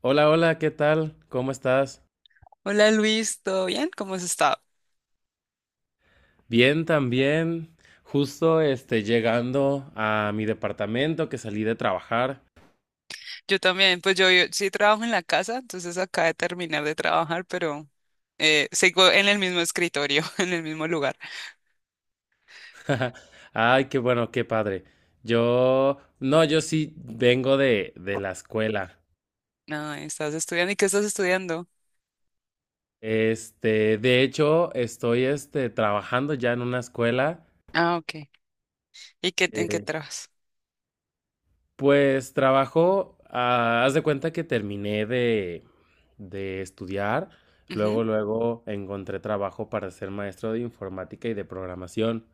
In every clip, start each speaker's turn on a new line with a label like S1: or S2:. S1: Hola, hola, ¿qué tal? ¿Cómo estás?
S2: Hola Luis, ¿todo bien? ¿Cómo has estado?
S1: Bien, también. Justo llegando a mi departamento que salí de trabajar.
S2: Yo también, pues yo sí trabajo en la casa, entonces acabé de terminar de trabajar, pero sigo en el mismo escritorio, en el mismo lugar.
S1: Ay, qué bueno, qué padre. Yo, no, yo sí vengo de la escuela.
S2: No, estás estudiando. ¿Y qué estás estudiando?
S1: De hecho, estoy trabajando ya en una escuela.
S2: Ah, ok. ¿Y qué, en qué
S1: eh,
S2: trabajas?
S1: Pues trabajo, haz de cuenta que terminé de estudiar,
S2: Ujú.
S1: luego, luego encontré trabajo para ser maestro de informática y de programación.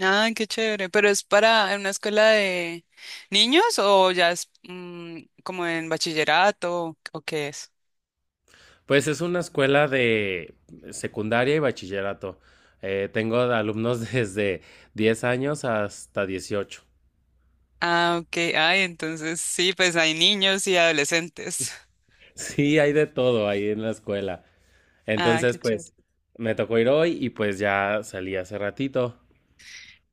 S2: Ay, qué chévere. ¿Pero es para en una escuela de niños o ya es como en bachillerato o qué es?
S1: Pues es una escuela de secundaria y bachillerato. Tengo alumnos desde 10 años hasta 18.
S2: Ah, ok. Ay, entonces sí, pues hay niños y adolescentes.
S1: Sí, hay de todo ahí en la escuela.
S2: Ah,
S1: Entonces,
S2: qué chévere.
S1: pues me tocó ir hoy y pues ya salí hace ratito.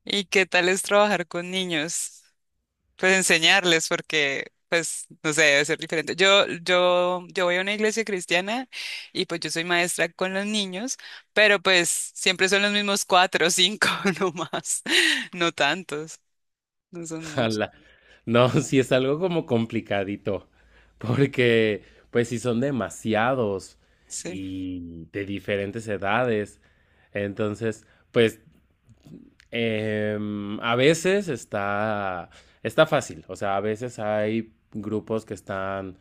S2: ¿Y qué tal es trabajar con niños? Pues enseñarles, porque, pues, no sé, debe ser diferente. Yo voy a una iglesia cristiana y pues yo soy maestra con los niños, pero pues siempre son los mismos cuatro o cinco, no más, no tantos, no son muchos.
S1: Ala. No, sí es algo como complicadito, porque pues si son demasiados
S2: Sí.
S1: y de diferentes edades, entonces pues a veces está fácil, o sea, a veces hay grupos que están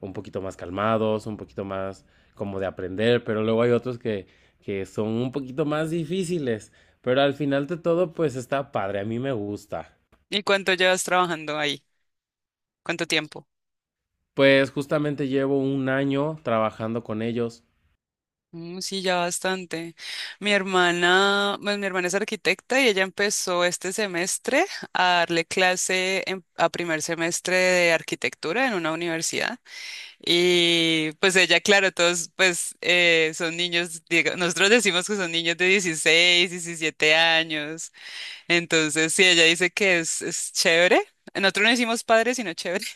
S1: un poquito más calmados, un poquito más como de aprender, pero luego hay otros que son un poquito más difíciles, pero al final de todo pues está padre, a mí me gusta.
S2: ¿Y cuánto llevas trabajando ahí? ¿Cuánto tiempo?
S1: Pues justamente llevo un año trabajando con ellos.
S2: Mm, sí, ya bastante. Mi hermana, pues mi hermana es arquitecta y ella empezó este semestre a darle clase en- a primer semestre de arquitectura en una universidad. Y pues ella, claro, todos pues son niños, diga- nosotros decimos que son niños de 16, 17 años. Entonces, sí, ella dice que es chévere. Nosotros no decimos padre, sino chévere,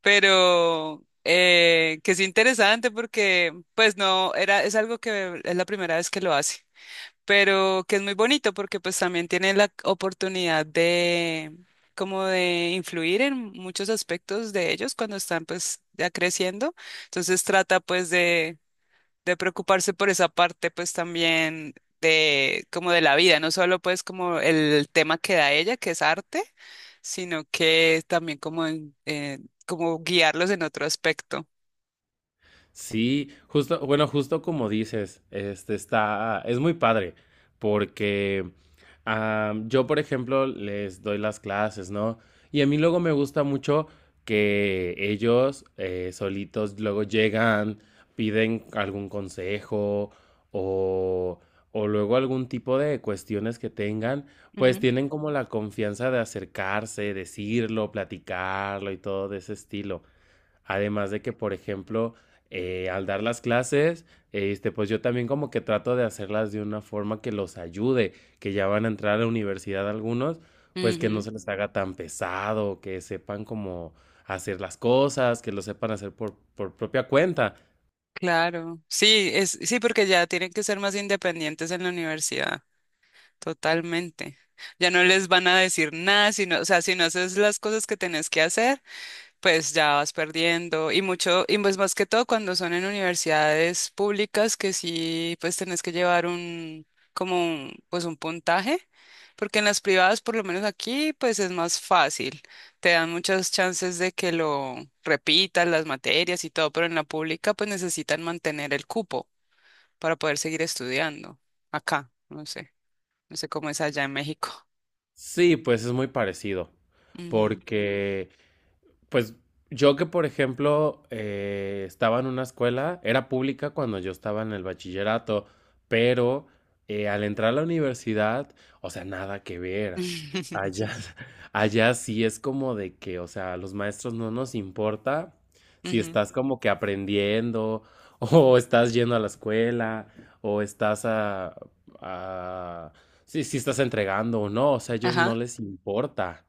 S2: pero que es interesante porque pues no, era, es algo que es la primera vez que lo hace, pero que es muy bonito porque pues también tiene la oportunidad de como de influir en muchos aspectos de ellos cuando están pues ya creciendo, entonces trata pues de preocuparse por esa parte, pues también de como de la vida, no solo pues como el tema que da ella, que es arte, sino que también como en- como guiarlos en otro aspecto.
S1: Sí, justo, bueno, justo como dices, está, es muy padre, porque yo, por ejemplo, les doy las clases, ¿no? Y a mí luego me gusta mucho que ellos solitos luego llegan, piden algún consejo o, o luego algún tipo de cuestiones que tengan, pues
S2: Ujú.
S1: tienen como la confianza de acercarse, decirlo, platicarlo y todo de ese estilo. Además de que, por ejemplo, al dar las clases, pues yo también como que trato de hacerlas de una forma que los ayude, que ya van a entrar a la universidad algunos, pues que no
S2: Ujú,
S1: se les haga tan pesado, que sepan cómo hacer las cosas, que lo sepan hacer por propia cuenta.
S2: claro. Sí, es, sí, porque ya tienen que ser más independientes en la universidad, totalmente. Ya no les van a decir nada, sino, o sea, si no haces las cosas que tenés que hacer, pues ya vas perdiendo y mucho, y pues más que todo cuando son en universidades públicas que sí, pues tenés que llevar un, como un, pues un puntaje, porque en las privadas, por lo menos aquí, pues es más fácil, te dan muchas chances de que lo repitas las materias y todo, pero en la pública pues necesitan mantener el cupo para poder seguir estudiando acá, no sé, no sé cómo es allá en México.
S1: Sí, pues es muy parecido,
S2: Ujú.
S1: porque pues yo que, por ejemplo, estaba en una escuela, era pública cuando yo estaba en el bachillerato, pero al entrar a la universidad, o sea, nada que ver. Allá,
S2: Sí.
S1: allá sí es como de que, o sea, a los maestros no nos importa si
S2: Ujú.
S1: estás como que aprendiendo, o estás yendo a la escuela, o a- si estás entregando o no, o sea, a ellos no
S2: Ajá.
S1: les importa.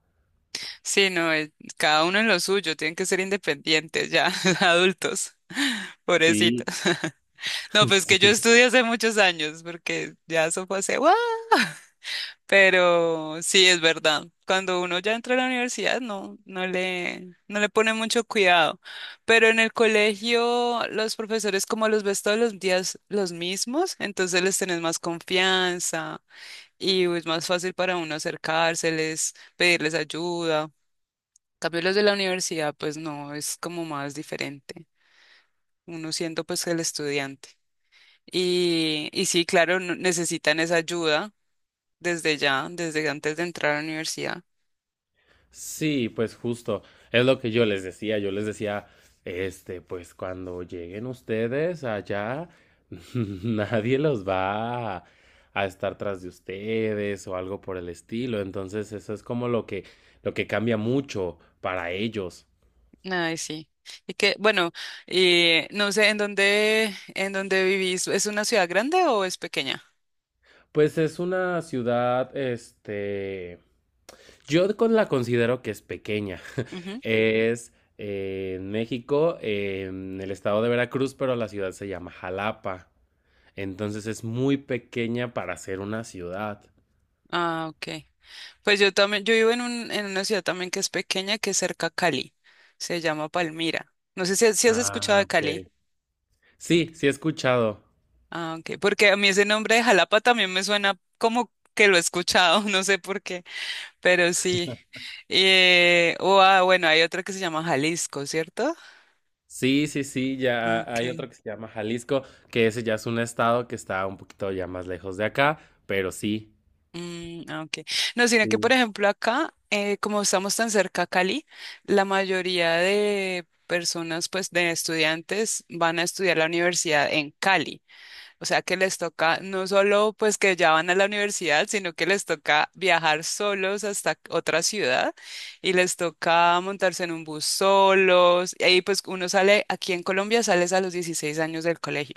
S2: Sí, no, cada uno en lo suyo, tienen que ser independientes ya, adultos, pobrecitos.
S1: Sí,
S2: No, pues que yo
S1: sí.
S2: estudié hace muchos años, porque ya eso fue hace, ¡guau! Pero sí, es verdad. Cuando uno ya entra a la universidad, no, no le, no le pone mucho cuidado. Pero en el colegio, los profesores como los ves todos los días los mismos, entonces les tenés más confianza y es más fácil para uno acercárseles, pedirles ayuda cambio los de la universidad, pues no, es como más diferente. Uno siendo pues el estudiante. Y sí, claro, n- necesitan esa ayuda desde ya, desde antes de entrar a la universidad.
S1: Sí, pues justo, es lo que yo les decía, pues cuando lleguen ustedes allá, nadie los va a estar tras de ustedes o algo por el estilo, entonces eso es como lo que cambia mucho para ellos.
S2: Ay, sí. Y que, bueno, no sé, en dónde vivís? ¿Es una ciudad grande o es pequeña?
S1: Pues es una ciudad, yo con la considero que es pequeña,
S2: Ujú.
S1: es en México, en el estado de Veracruz, pero la ciudad se llama Jalapa. Entonces es muy pequeña para ser una ciudad.
S2: Ah, ok. Pues yo también, yo vivo en un, en una ciudad también que es pequeña, que es cerca a Cali. Se llama Palmira. No sé si, si has escuchado
S1: Ah,
S2: de Cali.
S1: ok. Sí, sí he escuchado.
S2: Ah, ok, porque a mí ese nombre de Jalapa también me suena como que lo he escuchado, no sé por qué, pero sí. O, ah, bueno, hay otra que se llama Jalisco, ¿cierto?
S1: Sí, sí, sí,
S2: Ah,
S1: ya hay
S2: okay.
S1: otro que se llama Jalisco, que ese ya es un estado que está un poquito ya más lejos de acá, pero sí.
S2: Mm, ah, ok. No, sino que, por
S1: Sí.
S2: ejemplo, acá, como estamos tan cerca a Cali, la mayoría de personas, pues, de estudiantes van a estudiar la universidad en Cali. O sea que les toca no solo pues que ya van a la universidad, sino que les toca viajar solos hasta otra ciudad y les toca montarse en un bus solos. Y ahí pues uno sale, aquí en Colombia sales a los 16 años del colegio.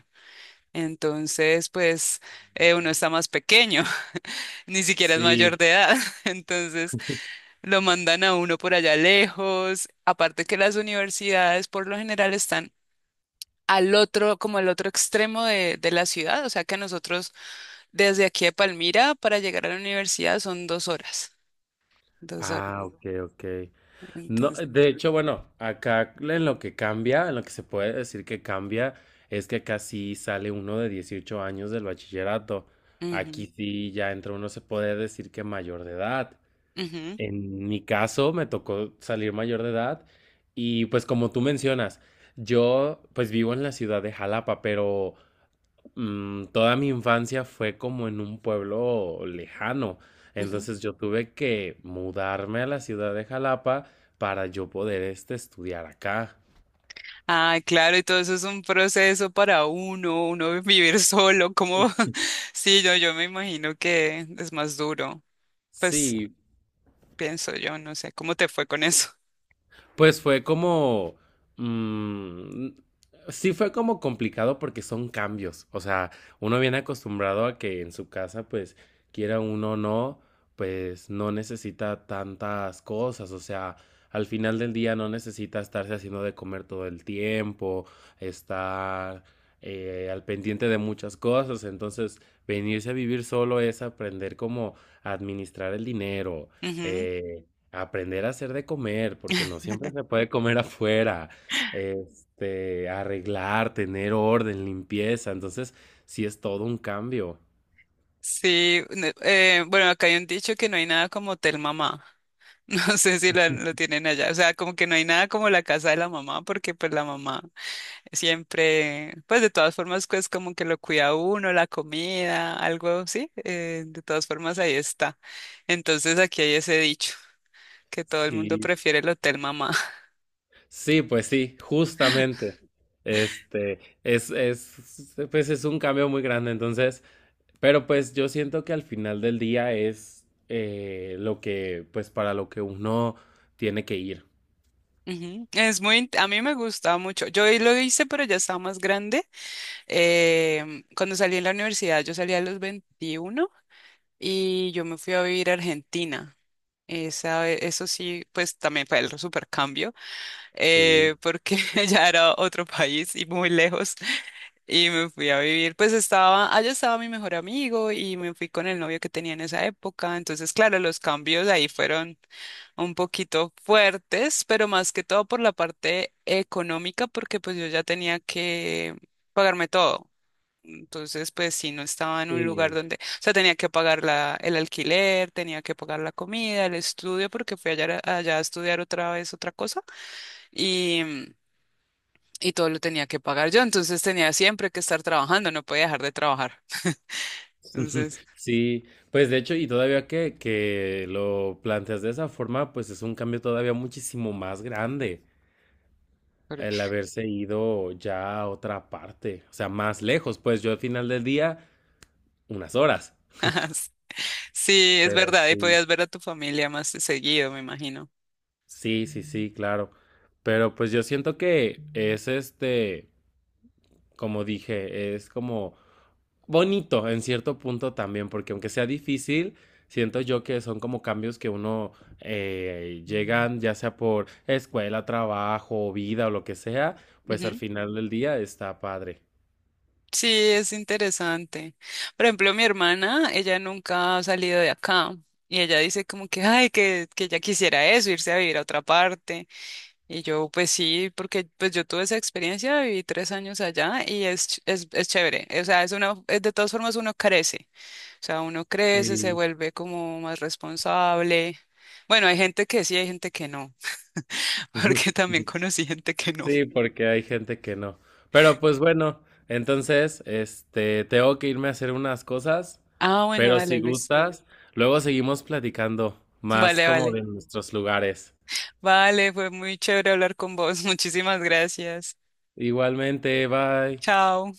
S2: Entonces pues uno está más pequeño, ni siquiera es mayor
S1: Sí.
S2: de edad. Entonces lo mandan a uno por allá lejos. Aparte que las universidades por lo general están... al otro, como al otro extremo de la ciudad, o sea que a nosotros desde aquí de Palmira para llegar a la universidad son 2 horas, 2 horas.
S1: Ah, ok, ok. No,
S2: Entonces,
S1: de hecho, bueno, acá en lo que cambia, en lo que se puede decir que cambia, es que acá sí sale uno de 18 años del bachillerato. Aquí
S2: ujú,
S1: sí ya entra uno, se puede decir que mayor de edad.
S2: ujú,
S1: En mi caso me tocó salir mayor de edad y pues como tú mencionas, yo pues vivo en la ciudad de Jalapa, pero toda mi infancia fue como en un pueblo lejano.
S2: ujú.
S1: Entonces yo tuve que mudarme a la ciudad de Jalapa para yo poder estudiar acá.
S2: Ay, claro, y todo eso es un proceso para uno, uno vivir solo, como, sí, yo me imagino que es más duro, pues
S1: Sí.
S2: pienso yo, no sé, ¿cómo te fue con eso?
S1: Pues fue mm, sí fue como complicado porque son cambios. O sea, uno viene acostumbrado a que en su casa, pues, quiera uno o no, pues no necesita tantas cosas. O sea, al final del día no necesita estarse haciendo de comer todo el tiempo, estar al pendiente de muchas cosas. Entonces, venirse a vivir solo es aprender cómo administrar el dinero.
S2: Ujú.
S1: eh, Aprender a hacer de comer, porque no siempre se puede comer afuera. Arreglar, tener orden, limpieza. Entonces, sí es todo un cambio.
S2: Sí, no, bueno, acá hay un dicho que no hay nada como hotel mamá. No sé si lo, lo tienen allá. O sea, como que no hay nada como la casa de la mamá, porque pues la mamá siempre, pues de todas formas, pues como que lo cuida uno, la comida, algo, sí, de todas formas ahí está. Entonces aquí hay ese dicho, que todo el mundo
S1: Sí.
S2: prefiere el hotel mamá.
S1: Sí, pues sí, justamente. Pues es un cambio muy grande. Entonces, pero pues yo siento que al final del día es lo que, pues para lo que uno tiene que ir.
S2: Ujú. Es muy, int- a mí me gustaba mucho. Yo ahí lo hice, pero ya estaba más grande. Cuando salí en la universidad, yo salí a los 21 y yo me fui a vivir a Argentina. Esa, eso sí, pues también fue el supercambio,
S1: Sí,
S2: porque ya era otro país y muy lejos. Y me fui a vivir, pues estaba, allá estaba mi mejor amigo y me fui con el novio que tenía en esa época. Entonces, claro, los cambios ahí fueron un poquito fuertes, pero más que todo por la parte económica, porque pues yo ya tenía que pagarme todo. Entonces, pues sí, no estaba en un lugar
S1: sí.
S2: donde, o sea, tenía que pagar la, el alquiler, tenía que pagar la comida, el estudio, porque fui allá, allá a estudiar otra vez otra cosa y, y todo lo tenía que pagar yo, entonces tenía siempre que estar trabajando, no podía dejar de trabajar. Entonces,
S1: Sí, pues de hecho, y todavía que lo planteas de esa forma, pues es un cambio todavía muchísimo más grande
S2: por-
S1: el haberse ido ya a otra parte, o sea, más lejos, pues yo al final del día, unas horas.
S2: sí, sí, es
S1: Pero
S2: verdad, y
S1: sí.
S2: podías ver a tu familia más seguido, me imagino.
S1: Sí, sí, sí, claro. Pero pues yo siento que es como dije, es como bonito en cierto punto también, porque aunque sea difícil, siento yo que son como cambios que uno llegan ya sea por escuela, trabajo, vida o lo que sea, pues al
S2: Ujú.
S1: final del día está padre.
S2: Sí, es interesante. Por ejemplo, mi hermana, ella nunca ha salido de acá y ella dice como que, ay, que ella quisiera eso, irse a vivir a otra parte. Y yo, pues sí, porque pues yo tuve esa experiencia, viví 3 años allá y es, ch- es chévere. O sea, es una, es- de todas formas uno crece. O sea, uno crece, se
S1: Sí.
S2: vuelve como más responsable. Bueno, hay gente que sí, hay gente que no, porque también conocí gente que no.
S1: Sí, porque hay gente que no. Pero pues bueno, entonces, tengo que irme a hacer unas cosas,
S2: Ah, bueno,
S1: pero si
S2: dale, Luis.
S1: gustas, luego seguimos platicando más
S2: Vale,
S1: como
S2: vale.
S1: de nuestros lugares.
S2: Vale, fue muy chévere hablar con vos. Muchísimas gracias.
S1: Igualmente, bye.
S2: Chao.